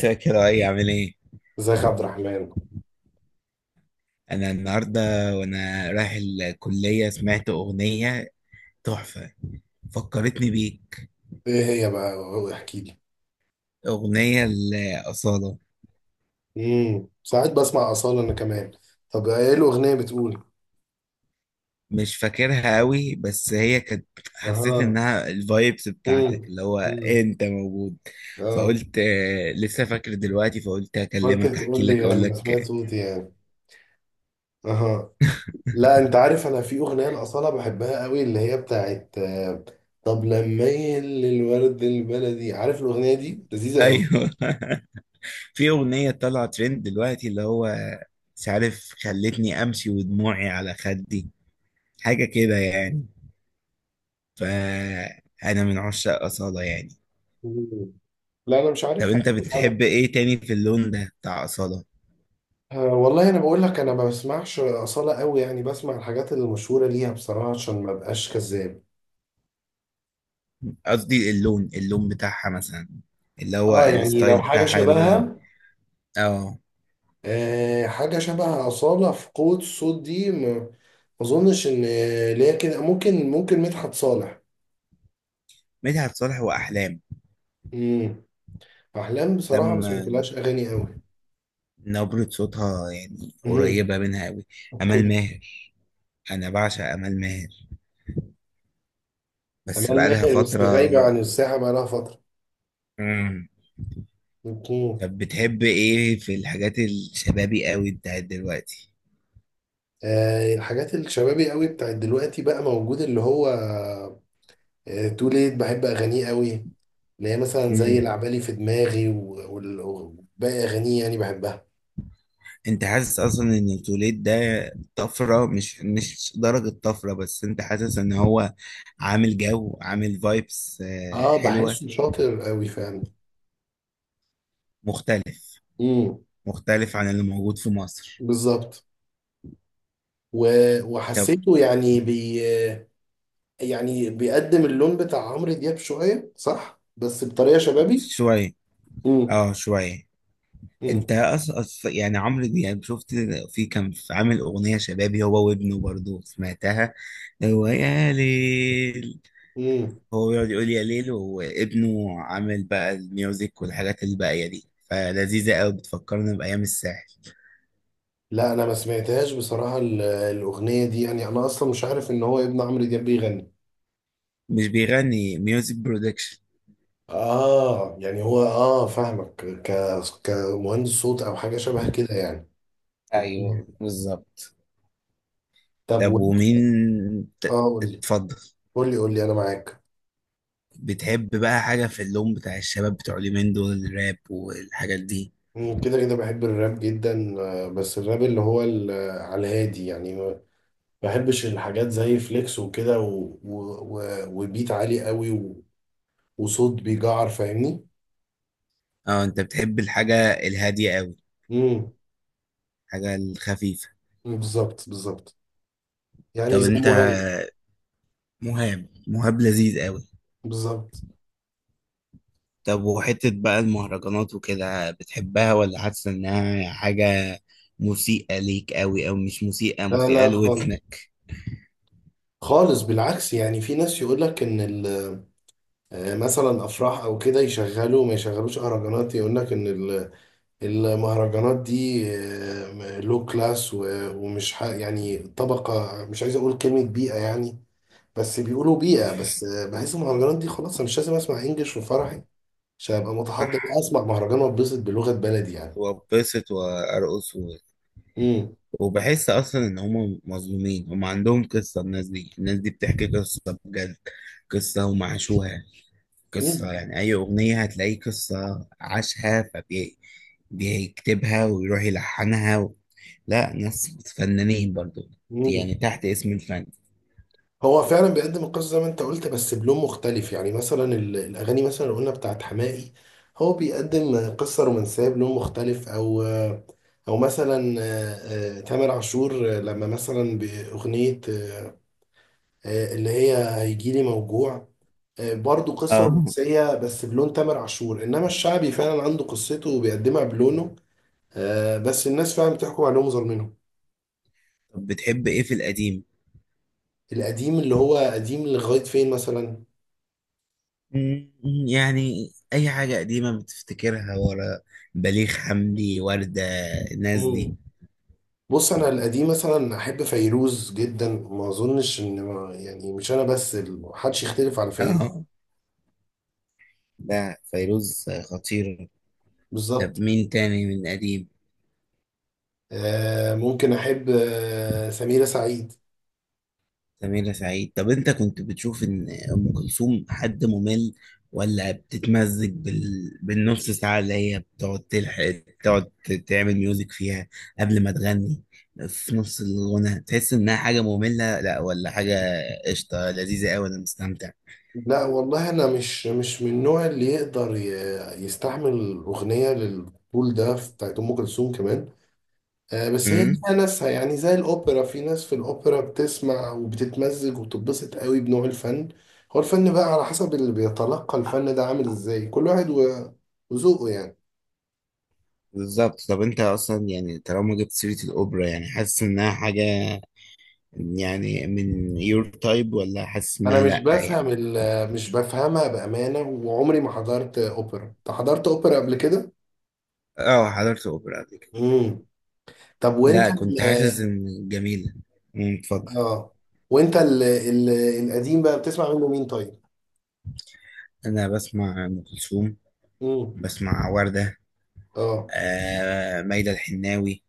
فاكر اي عامل ايه؟ ازيك يا عبد الرحمن؟ انا النهارده وانا رايح الكليه سمعت اغنيه تحفه، فكرتني بيك. ايه هي بقى، احكي لي. اغنيه الاصاله. ساعات بسمع اصاله انا كمان. طب ايه الاغنيه بتقول؟ مش فاكرها قوي، بس هي كانت، حسيت اها. انها الفايبس امم. بتاعتك اللي هو امم. انت موجود. اه. فقلت آه، لسه فاكر دلوقتي، فقلت قلت اكلمك، احكي تقول لك، لي اقول انا لك سمعت آه، صوتي يعني. اها. لا انت عارف، انا في اغنيه لاصاله بحبها قوي اللي هي بتاعت طب لما يل الورد البلدي، عارف الاغنيه دي لذيذه قوي. ايوه في اغنيه طالعه ترند دلوقتي اللي هو مش عارف، خلتني امشي ودموعي على خدي، حاجه كده يعني. فأنا من عشاق أصالة يعني. مم. لا انا مش طب أنت عارفها. بتحب إيه تاني في اللون ده بتاع أصالة؟ أه والله انا بقول لك، انا ما بسمعش اصاله قوي، يعني بسمع الحاجات اللي مشهوره ليها بصراحه عشان ما ابقاش كذاب. قصدي اللون بتاعها مثلا، اللي هو اه اه، يعني لو الستايل حاجه بتاعها هي بتغني. شبهها، اه. أه حاجه شبه اصاله في قوه الصوت دي، ما اظنش ان ليا كده. ممكن مدحت صالح. مدحت صالح وأحلام. امم. احلام بصراحه ما لما سمعتلهاش اغاني قوي. نبرة صوتها يعني امم. قريبة منها أوي. أمال اوكي. ماهر. أنا بعشق أمال ماهر، بس امال بقالها ماهر بس فترة. غايبه عن الساحه بقى لها فتره. مم. مم. طب بتحب إيه في الحاجات الشبابي أوي بتاعت دلوقتي؟ آه الحاجات الشبابي قوي بتاعت دلوقتي بقى موجود، اللي هو آه تو ليت، بحب اغانيه قوي، اللي هي مثلا زي العبالي في دماغي وباقي أغانيه يعني بحبها. انت حاسس اصلا ان التوليد ده طفره، مش درجه طفره بس. انت حاسس ان هو عامل جو، عامل فايبس. اه حلوه. بحسه شاطر قوي فعلا. مختلف امم. مختلف عن اللي موجود في مصر. بالظبط. طب. وحسيته يعني بي، يعني بيقدم اللون بتاع عمرو دياب شوية صح بس بطريقة شبابي. شويه. امم. اه، شويه. انت امم. اصلا، يعني عمرو دياب، شفت، في كان، في عامل اغنيه شبابي، هو وابنه برضه سمعتها. هو يا ليل. امم. هو بيقعد يقول يا ليل، وابنه عامل بقى الميوزك والحاجات الباقية دي، فلذيذة قوي، بتفكرنا بأيام الساحل. لا انا ما سمعتهاش بصراحة، الأغنية دي يعني انا اصلا مش عارف ان هو ابن عمرو دياب بيغني. مش بيغني، ميوزك برودكشن. اه يعني هو اه فاهمك. ك كمهندس صوت او حاجة شبه كده يعني. ايوه بالظبط. طب. طب ومين اه قول لي، اتفضل. قول لي انا معاك. بتحب بقى حاجة في اللون بتاع الشباب بتوع اليومين دول، الراب والحاجات دي؟ مم، كده كده بحب الراب جدا آه، بس الراب اللي هو على الهادي يعني ما بحبش الحاجات زي فليكس وكده و... وبيت عالي قوي وصوت بيجعر، فاهمني. اه، انت بتحب الحاجة الهادية قوي، امم. الحاجة الخفيفة. بالظبط بالظبط، طب يعني زي انت، مهاب. مهاب لذيذ قوي. بالظبط. طب وحتة بقى المهرجانات وكده بتحبها، ولا حاسة إنها حاجة مسيئة ليك أوي؟ أو مش مسيئة، لا مسيئة لا خالص، لودنك. خالص بالعكس. يعني في ناس يقول لك ان ال... آه، مثلا افراح او كده، يشغلوا ما يشغلوش اهرجانات، يقول لك ان المهرجانات دي لو كلاس يعني طبقة، مش عايز اقول كلمة بيئة يعني، بس بيقولوا بيئة. بس آه، بحس المهرجانات دي خلاص، انا مش لازم اسمع انجلش في فرحي عشان ابقى صح. متحضر، اسمع مهرجان واتبسط بلغة بلدي يعني. وأتبسط وأرقص امم. وبحس أصلا إن هما مظلومين، هما عندهم قصة. الناس دي بتحكي قصة بجد، قصة هما عاشوها، قصة يعني أي أغنية هتلاقي قصة عاشها، فبيكتبها ويروح يلحنها لا، ناس فنانين برضو، امم. يعني تحت اسم الفن. هو فعلا بيقدم القصة زي ما انت قلت بس بلون مختلف. يعني مثلا الأغاني مثلا اللي قلنا بتاعت حماقي، هو بيقدم قصة رومانسية بلون مختلف، أو أو مثلا تامر عاشور لما مثلا بأغنية اللي هي هيجيلي موجوع، برضو قصة اه. رومانسية بس بلون تامر عاشور. إنما الشعبي فعلا عنده قصته وبيقدمها بلونه. بس الناس فعلا بتحكم عليهم ظالمينهم. طب بتحب ايه في القديم؟ القديم اللي هو قديم لغاية فين مثلا؟ مم. يعني اي حاجة قديمة بتفتكرها ورا، بليغ حمدي، وردة، الناس دي. بص انا القديم مثلا احب فيروز جدا، ما اظنش ان ما يعني مش انا بس، محدش يختلف على فيروز. اه، لا، فيروز خطير. طب بالظبط. مين تاني من قديم؟ آه ممكن احب آه سميرة سعيد. سميرة سعيد. طب انت كنت بتشوف ان ام كلثوم حد ممل، ولا بتتمزج بالنص ساعة اللي هي بتقعد تلحق، تقعد تعمل ميوزك فيها قبل ما تغني؟ في نص الغنى تحس انها حاجة مملة، لا ولا حاجة؟ قشطة لذيذة قوي، انا مستمتع. لا والله انا مش من النوع اللي يقدر يستحمل اغنيه للطول ده بتاعت ام كلثوم كمان. آه بس هي امم. ليها ناسها يعني، زي الاوبرا، في ناس في الاوبرا بتسمع وبتتمزج وبتتبسط قوي بنوع الفن. هو الفن بقى على حسب اللي بيتلقى الفن ده عامل ازاي، كل واحد وذوقه يعني. بالظبط. طب انت اصلا يعني، طالما جبت سيرة الاوبرا، يعني حاسس انها حاجة يعني من يور تايب، ولا حاسس انا انها مش لا بفهم يعني؟ مش بفهمها بامانه، وعمري ما حضرت اوبرا. انت حضرت اوبرا قبل كده؟ اه، حضرت اوبرا قبل كده. امم. طب لا، وانت كنت حاسس ان جميلة. امم، اتفضل. اه وانت القديم بقى بتسمع منه مين طيب؟ انا بسمع ام كلثوم، امم. بسمع وردة، اه. آه ميادة الحناوي.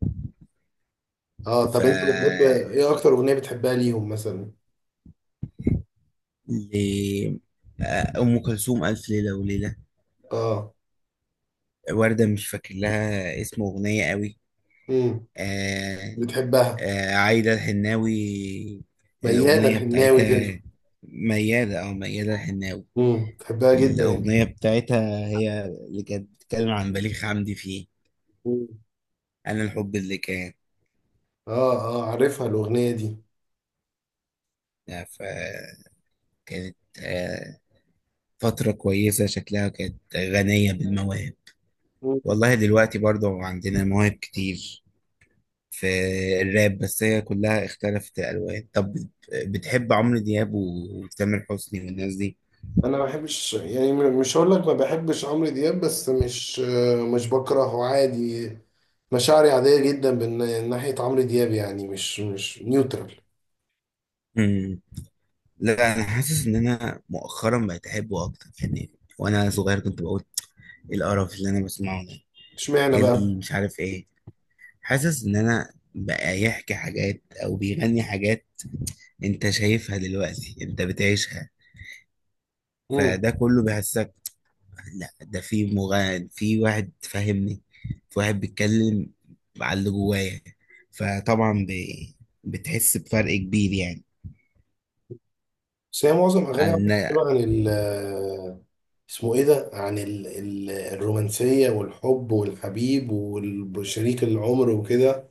اه. ف طب انت بتحب ايه؟ اكتر اغنيه بتحبها ليهم مثلا؟ ل- آه، ام كلثوم الف ليلة وليلة. اه. وردة، مش فاكر لها اسم اغنية قوي. امم. آه بتحبها؟ آه، عايدة الحناوي. ميادة الاغنية الحناوي تقصد. بتاعتها، ميادة او ميادة الحناوي. بتحبها جدا انت. الاغنية بتاعتها هي اللي كانت بتتكلم عن بليغ حمدي فيه. مم. انا الحب اللي كان. اه اه عارفها الاغنيه آه، ف كانت فترة كويسة، شكلها كانت غنية بالمواهب. دي. والله دلوقتي برضو عندنا مواهب كتير في الراب، بس هي كلها اختلفت الألوان. طب بتحب عمرو دياب وتامر حسني والناس دي؟ انا ما بحبش يعني، مش هقول لك ما بحبش عمرو دياب بس مش بكرهه، عادي. مشاعري عادية جدا من ناحية عمرو دياب، يعني مش نيوترال. مم. لا، أنا حاسس إن أنا مؤخرا بقيت أحبه أكتر يعني. وأنا صغير كنت بقول إيه القرف اللي أنا بسمعه ده؟ اشمعنى إيه اللي بقى؟ مش عارف إيه. حاسس إن أنا بقى يحكي حاجات أو بيغني حاجات أنت شايفها دلوقتي، أنت بتعيشها، امم. فده كله بيحسك. لا، ده في مغني، في واحد فاهمني، في واحد بيتكلم على اللي جوايا، فطبعا بتحس بفرق كبير يعني. بس هي معظم اغاني عن عمرو دياب عن ال، اسمه ايه ده، عن ال الرومانسية والحب والحبيب وشريك العمر وكده،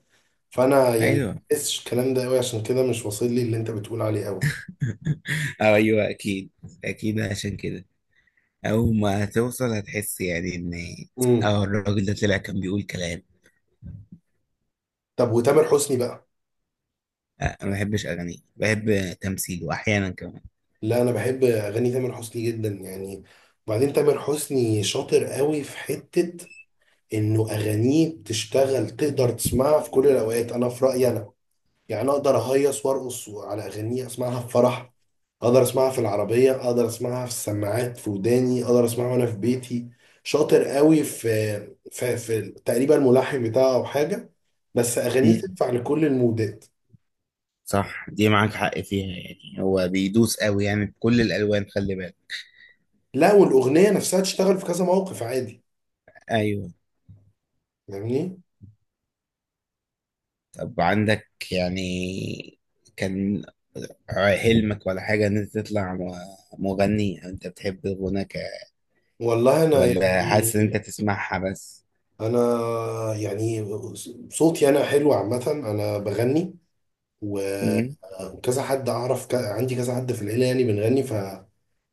فانا يعني ما ايوه بحسش الكلام ده قوي، عشان كده مش واصل لي اللي انت بتقول عليه قوي. أو ايوه اكيد. اكيد عشان كده اول ما توصل هتحس يعني ان، امم. اه الراجل ده طلع كان بيقول كلام. طب وتامر حسني بقى؟ أه، انا ما بحبش اغانيه، بحب تمثيله احيانا كمان. لا انا بحب اغاني تامر حسني جدا يعني، وبعدين تامر حسني شاطر قوي في حتة، انه اغانيه بتشتغل، تقدر تسمعها في كل الاوقات. انا في رأيي انا، يعني أنا اقدر اهيص وارقص على اغانيه، اسمعها في فرح، اقدر اسمعها في العربية، اقدر اسمعها في السماعات في وداني، اقدر اسمعها وانا في بيتي. شاطر قوي في تقريبا الملحن بتاعه او حاجة. بس اغانيه امم. تنفع لكل المودات. صح، دي معاك حق فيها، يعني هو بيدوس قوي يعني بكل الالوان، خلي بالك. لا والاغنية نفسها تشتغل في كذا موقف عادي، ايوه. فاهمني. طب عندك يعني، كان حلمك ولا حاجة إن أنت تطلع مغني، أو أنت بتحب الغنى والله انا ولا حاسس إن أنت يعني، تسمعها بس؟ انا يعني صوتي انا حلو عامه، انا بغني، و- مم؟ وكذا حد اعرف عندي كذا حد في العيله يعني بنغني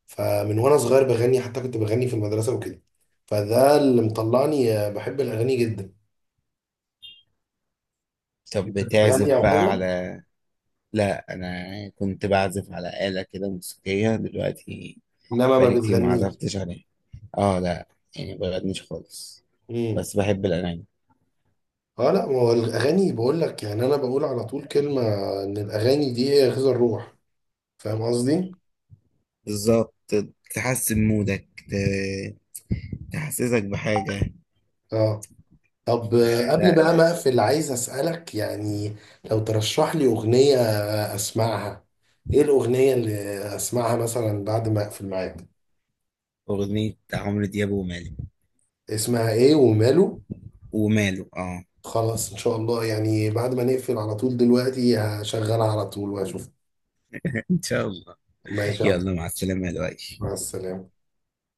فمن وانا صغير بغني، حتى كنت بغني في المدرسه وكده، فده اللي مطلعني بحب الاغاني جدا. طب انت بتعزف بتغني او بقى حاجه؟ لا، أنا كنت بعزف على آلة كده موسيقية دلوقتي. انما ما بقالي كتير ما بتغنيش. عزفتش عليها. آه لا، يعني مبغنيش خالص، امم. بس بحب الأغاني. اه لا، ما هو الاغاني بقول لك، يعني انا بقول على طول كلمه ان الاغاني دي هي غذاء الروح، فاهم قصدي؟ بالظبط، تحسن مودك، تحسسك بحاجة. اه. طب آه قبل لا، بقى ما اقفل عايز اسالك يعني، لو ترشح لي اغنيه اسمعها، ايه الاغنيه اللي اسمعها مثلا بعد ما اقفل معاك؟ أغنية عمرو دياب ومالك. اسمها ايه وماله. وماله، اه. خلاص ان شاء الله، يعني بعد ما نقفل على طول دلوقتي هشغلها على طول واشوف. ان شاء الله. ماشي يا عبد. يلا مع السلامة يا مع لؤي. السلامه.